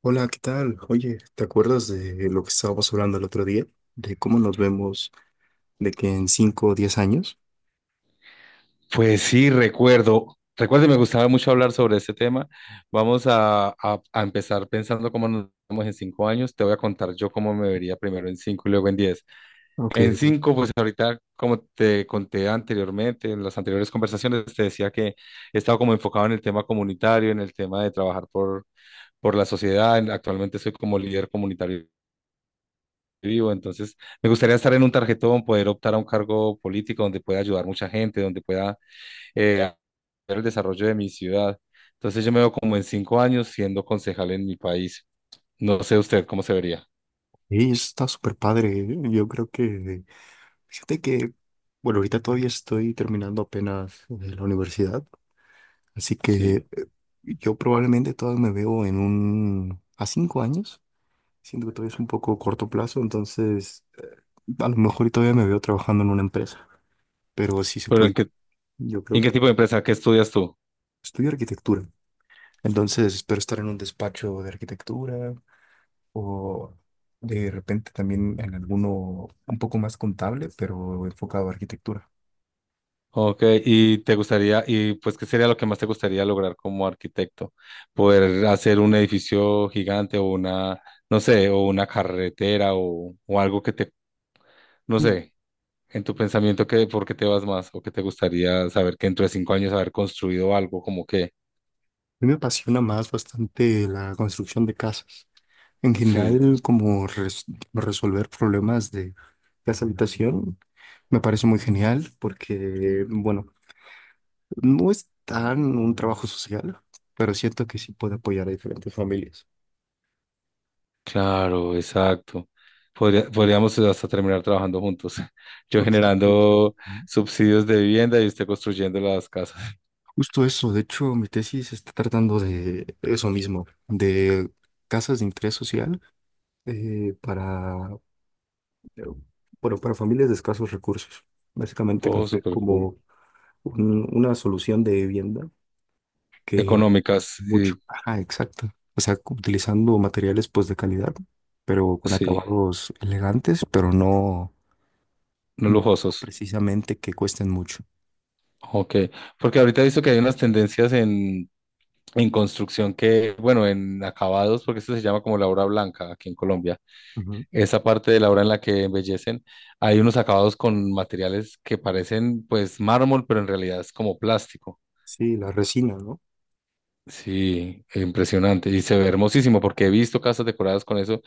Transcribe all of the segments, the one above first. Hola, ¿qué tal? Oye, ¿te acuerdas de lo que estábamos hablando el otro día? De cómo nos vemos de que en 5 o 10 años. Pues sí, recuerdo. Recuerdo, y me gustaba mucho hablar sobre este tema. Vamos a empezar pensando cómo nos vemos en 5 años. Te voy a contar yo cómo me vería primero en cinco y luego en diez. En Aunque cinco, pues ahorita, como te conté anteriormente, en las anteriores conversaciones, te decía que he estado como enfocado en el tema comunitario, en el tema de trabajar por la sociedad. Actualmente soy como líder comunitario vivo, entonces me gustaría estar en un tarjetón, poder optar a un cargo político donde pueda ayudar mucha gente, donde pueda hacer el desarrollo de mi ciudad. Entonces yo me veo como en 5 años siendo concejal en mi país. No sé usted cómo se vería. sí, eso está súper padre. Yo creo que, fíjate que, bueno, ahorita todavía estoy terminando apenas la universidad, así que Sí. Yo probablemente todavía me veo en un, a 5 años. Siento que todavía es un poco corto plazo, entonces a lo mejor y todavía me veo trabajando en una empresa, pero sí se Pero puede. Yo en creo qué que tipo de empresa? ¿Qué estudias tú? estudio arquitectura. Entonces, espero estar en un despacho de arquitectura o de repente también en alguno un poco más contable, pero enfocado a arquitectura. Ok, y te gustaría, y pues, ¿qué sería lo que más te gustaría lograr como arquitecto? ¿Poder hacer un edificio gigante o una, no sé, o una carretera o algo que te, no Mm. sé, en tu pensamiento, que, ¿por qué te vas más? ¿O qué te gustaría saber que dentro de 5 años haber construido algo como que, A mí me apasiona más bastante la construcción de casas. En sí. general, resolver problemas de casa habitación me parece muy genial porque, bueno, no es tan un trabajo social, pero siento que sí puede apoyar a diferentes familias. Claro, exacto. Podría- podríamos hasta terminar trabajando juntos. Yo Exacto, exacto. generando subsidios de vivienda y usted construyendo las casas. Justo eso, de hecho, mi tesis está tratando de eso mismo, de casas de interés social eh, para, eh, bueno, para familias de escasos recursos. Básicamente Oh, construir súper cool. como una solución de vivienda que Económicas mucho. y Ajá, exacto. O sea, utilizando materiales pues de calidad, pero con sí, acabados elegantes, pero no, no no lujosos. precisamente que cuesten mucho. Ok. Porque ahorita he visto que hay unas tendencias en construcción que, bueno, en acabados, porque esto se llama como la obra blanca aquí en Colombia. Ujú. Esa parte de la obra en la que embellecen, hay unos acabados con materiales que parecen pues mármol, pero en realidad es como plástico. Sí, la resina, ¿no? Sí, impresionante. Y se ve hermosísimo porque he visto casas decoradas con eso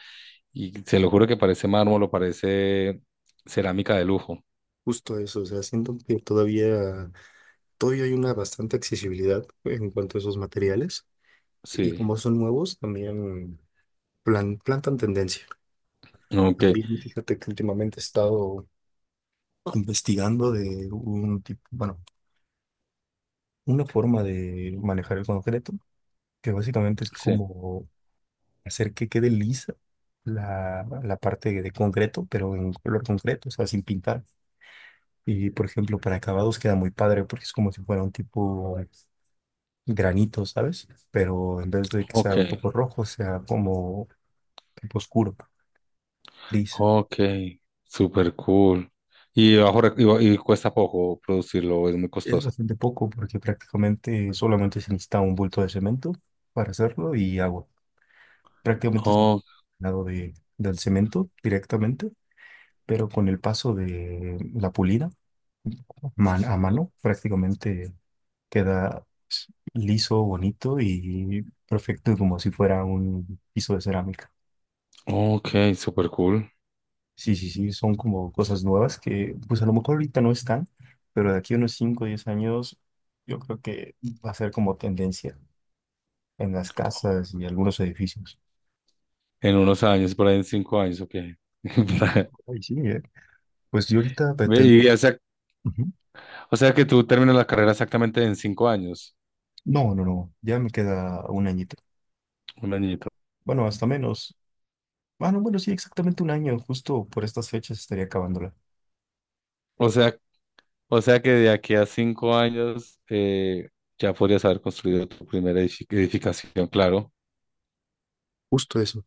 y se lo juro que parece mármol o parece cerámica de lujo. Justo eso, o sea, siento que todavía hay una bastante accesibilidad en cuanto a esos materiales, y Sí, como son nuevos, también plantan tendencia. ok, También fíjate que últimamente he estado investigando de un tipo, bueno, una forma de manejar el concreto, que básicamente es sí, como hacer que quede lisa la parte de concreto, pero en color concreto, o sea, sin pintar. Y por ejemplo, para acabados queda muy padre porque es como si fuera un tipo granito, ¿sabes? Pero en vez de que sea un ok, poco rojo, sea como tipo oscuro, gris. ok, super cool. Y, bajo, rec- y, ba- y cuesta poco producirlo, es muy Es costoso. bastante poco porque prácticamente solamente se necesita un bulto de cemento para hacerlo y agua. Prácticamente es Oh, lado de, del cemento directamente, pero con el paso de la pulida a mano, prácticamente queda liso, bonito y perfecto como si fuera un piso de cerámica. ok, super cool. Sí, sí, sí, son como cosas nuevas que pues a lo mejor ahorita no están, pero de aquí a unos 5 o 10 años yo creo que va a ser como tendencia en las casas y algunos edificios. En unos años, por ahí en 5 años, ok. Sí, ay, sí, ¿eh? Pues yo ahorita Ve, pretendo... y, o sea, Ujú. o sea que tú terminas la carrera exactamente en 5 años, No, no, no, ya me queda un añito. un añito. Bueno, hasta menos. Bueno, bueno, sí, exactamente un año, justo por estas fechas estaría acabándola. O sea O sea que de aquí a 5 años ya podrías haber construido tu primera edificación, claro, Justo eso.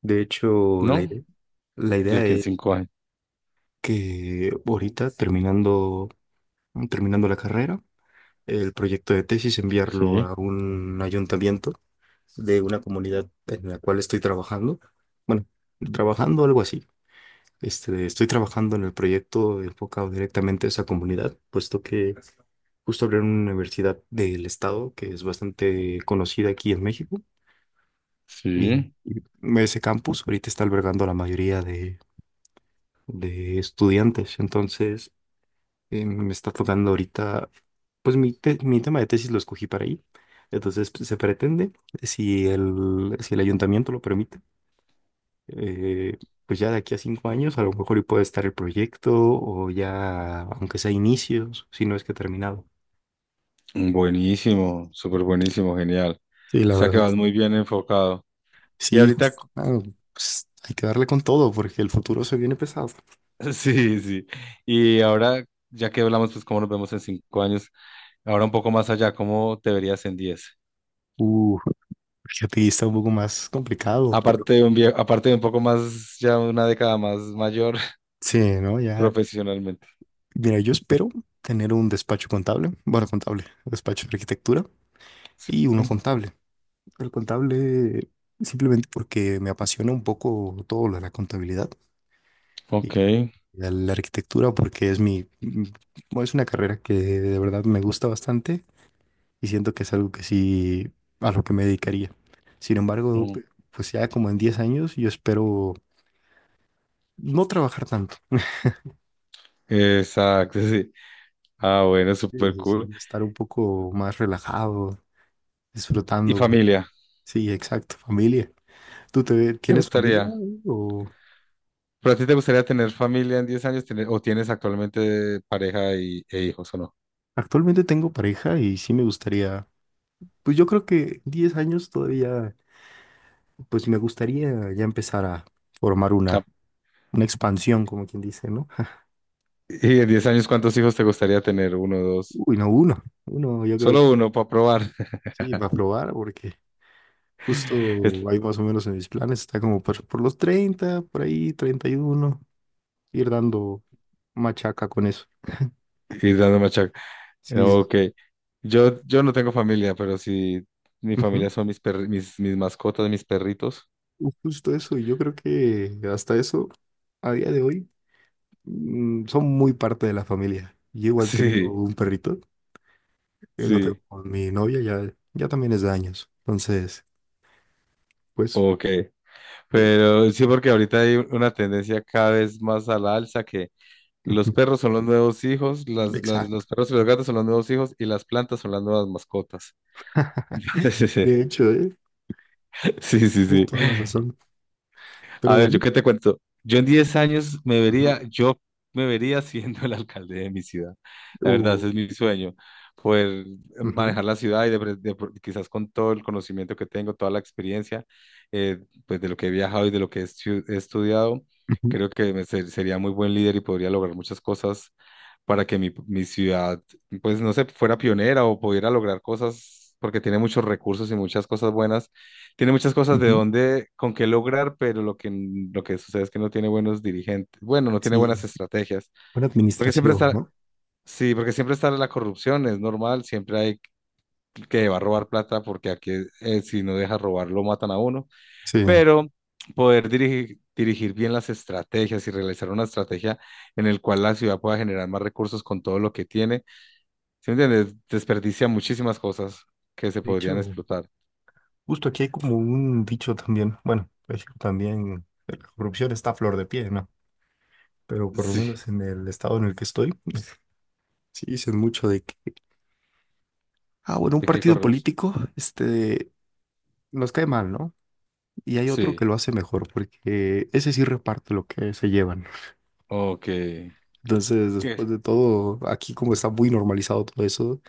De hecho, ¿no? La De idea aquí en es 5 años. que ahorita terminando la carrera, el proyecto de tesis, enviarlo Sí, a un ayuntamiento de una comunidad en la cual estoy trabajando. Bueno, trabajando algo así. Este, estoy trabajando en el proyecto enfocado directamente a esa comunidad, puesto que justo abrieron una universidad del estado que es bastante conocida aquí en México. Y, sí. y ese campus ahorita está albergando a la mayoría de estudiantes. Entonces, me está tocando ahorita, pues mi tema de tesis lo escogí para ahí. Entonces pues, se pretende, si si el ayuntamiento lo permite, eh, pues ya de aquí a cinco años a lo mejor y puede estar el proyecto o ya, aunque sea inicios, si no es que terminado. Buenísimo, súper buenísimo, genial. Sí, O la sea que verdad. vas muy bien enfocado. Y Sí, ahorita, justo. cu- Ah, pues hay que darle con todo porque el futuro se viene pesado. Sí, sí. Y ahora, ya que hablamos, pues cómo nos vemos en cinco años, ahora un poco más allá, ¿cómo te verías en diez? Uh, fíjate, y está un poco más complicado, pero Aparte de un poco más, ya una década más mayor sí, ¿no? Ya profesionalmente. mira, yo espero tener un despacho contable, bueno, contable, despacho de arquitectura Sí. y uno contable. El contable simplemente porque me apasiona un poco todo lo de la contabilidad, y Ok. La arquitectura porque es bueno, es una carrera que de verdad me gusta bastante y siento que es algo que sí, a lo que me dedicaría. Sin embargo, pues ya como en 10 años yo espero no trabajar tanto, Exacto, sí. Ah, bueno, sí, súper sí, sí, cool. ya estar un poco más relajado, ¿Y disfrutando. familia? Sí, exacto, familia. ¿Te ¿tienes familia gustaría? o ¿Pero a ti te gustaría tener familia en 10 años? ¿Tener- ¿O tienes actualmente pareja y, e hijos o no? actualmente tengo pareja y sí me gustaría, pues yo creo que 10 años todavía, pues sí me gustaría ya empezar a formar No. Una expansión, como quien dice, ¿no? ¿Y en 10 años cuántos hijos te gustaría tener? ¿Uno, dos? Uy, no, uno, uno, yo creo que Solo uno para probar. sí, va a probar porque Es- justo ahí más o menos en mis planes está como por los 30, por ahí 31, ir dando machaca con eso. Ir dando machaca. Sí, Ok. Yo no tengo familia, pero sí, mi ujú. familia son mis mascotas, mis perritos. Justo eso, y yo creo que hasta eso, a día de hoy son muy parte de la familia. Yo igual tengo Sí, un perrito, el otro sí. con mi novia, ya también es de años. Entonces, pues, Ok. eh, Pero sí, porque ahorita hay una tendencia cada vez más a la alza. Los ujú, perros son los nuevos hijos, las, las- exacto. los perros y los gatos son los nuevos hijos y las plantas son las nuevas mascotas. Sí, sí, sí. De hecho, Sí, sí, es sí. toda la razón. Pero, A ver, ¿yo ujú, qué te cuento? Yo en 10 años me vería, ujú, yo me vería siendo el alcalde de mi ciudad. La verdad, uh, ese es mi sueño, poder ujú, manejar la ciudad y de pre- de pro- quizás con todo el conocimiento que tengo, toda la experiencia, eh, pues de lo que he viajado y de lo que he estudiado, ujú, creo que sería muy buen líder y podría lograr muchas cosas para que mi ciudad, pues no sé, fuera pionera o pudiera lograr cosas, porque tiene muchos recursos y muchas cosas buenas, tiene muchas cosas de ujú. dónde, con qué lograr, pero lo que sucede es que no tiene buenos dirigentes, bueno, no tiene Sí, buenas estrategias, buena porque siempre administración, está, ¿no? sí, porque siempre está la corrupción, es normal, siempre hay que va a robar plata, porque aquí si no deja robar lo matan a uno, Sí. pero poder dirigir bien las estrategias y realizar una estrategia en el cual la ciudad pueda generar más recursos con todo lo que tiene. ¿Sí me entiendes? Desperdicia muchísimas cosas que se De podrían hecho, explotar. justo aquí hay como un dicho también. Bueno, México también, la corrupción está a flor de pie, ¿no? Pero por lo Sí. menos en el estado en el que estoy, sí dicen mucho de que ah, bueno, un ¿De qué partido corrupción? político, este, nos cae mal, ¿no? Y hay otro Sí, que lo hace mejor, porque ese sí reparte lo que se llevan. ok. Entonces, ¿Qué? después de todo, aquí como está muy normalizado todo eso,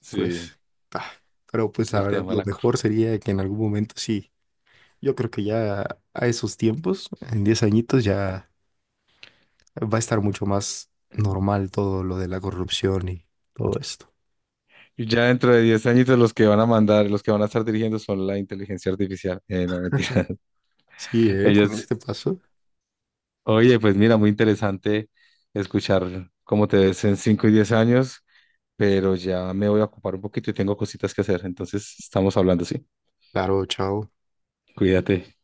Sí, pues, ah, pero pues la el verdad, tema de lo la mejor corrupción. sería que en algún momento sí, yo creo que ya a esos tiempos, en 10 añitos, ya va a estar mucho más normal todo lo de la corrupción y todo esto. Y ya dentro de 10 añitos los que van a mandar, los que van a estar dirigiendo son la inteligencia artificial. No, mentira. Sí, ¿eh? Con Ellos, este paso. oye, pues mira, muy interesante escuchar cómo te ves en 5 y 10 años, pero ya me voy a ocupar un poquito y tengo cositas que hacer. Entonces, estamos hablando, sí. Claro, chao. Cuídate.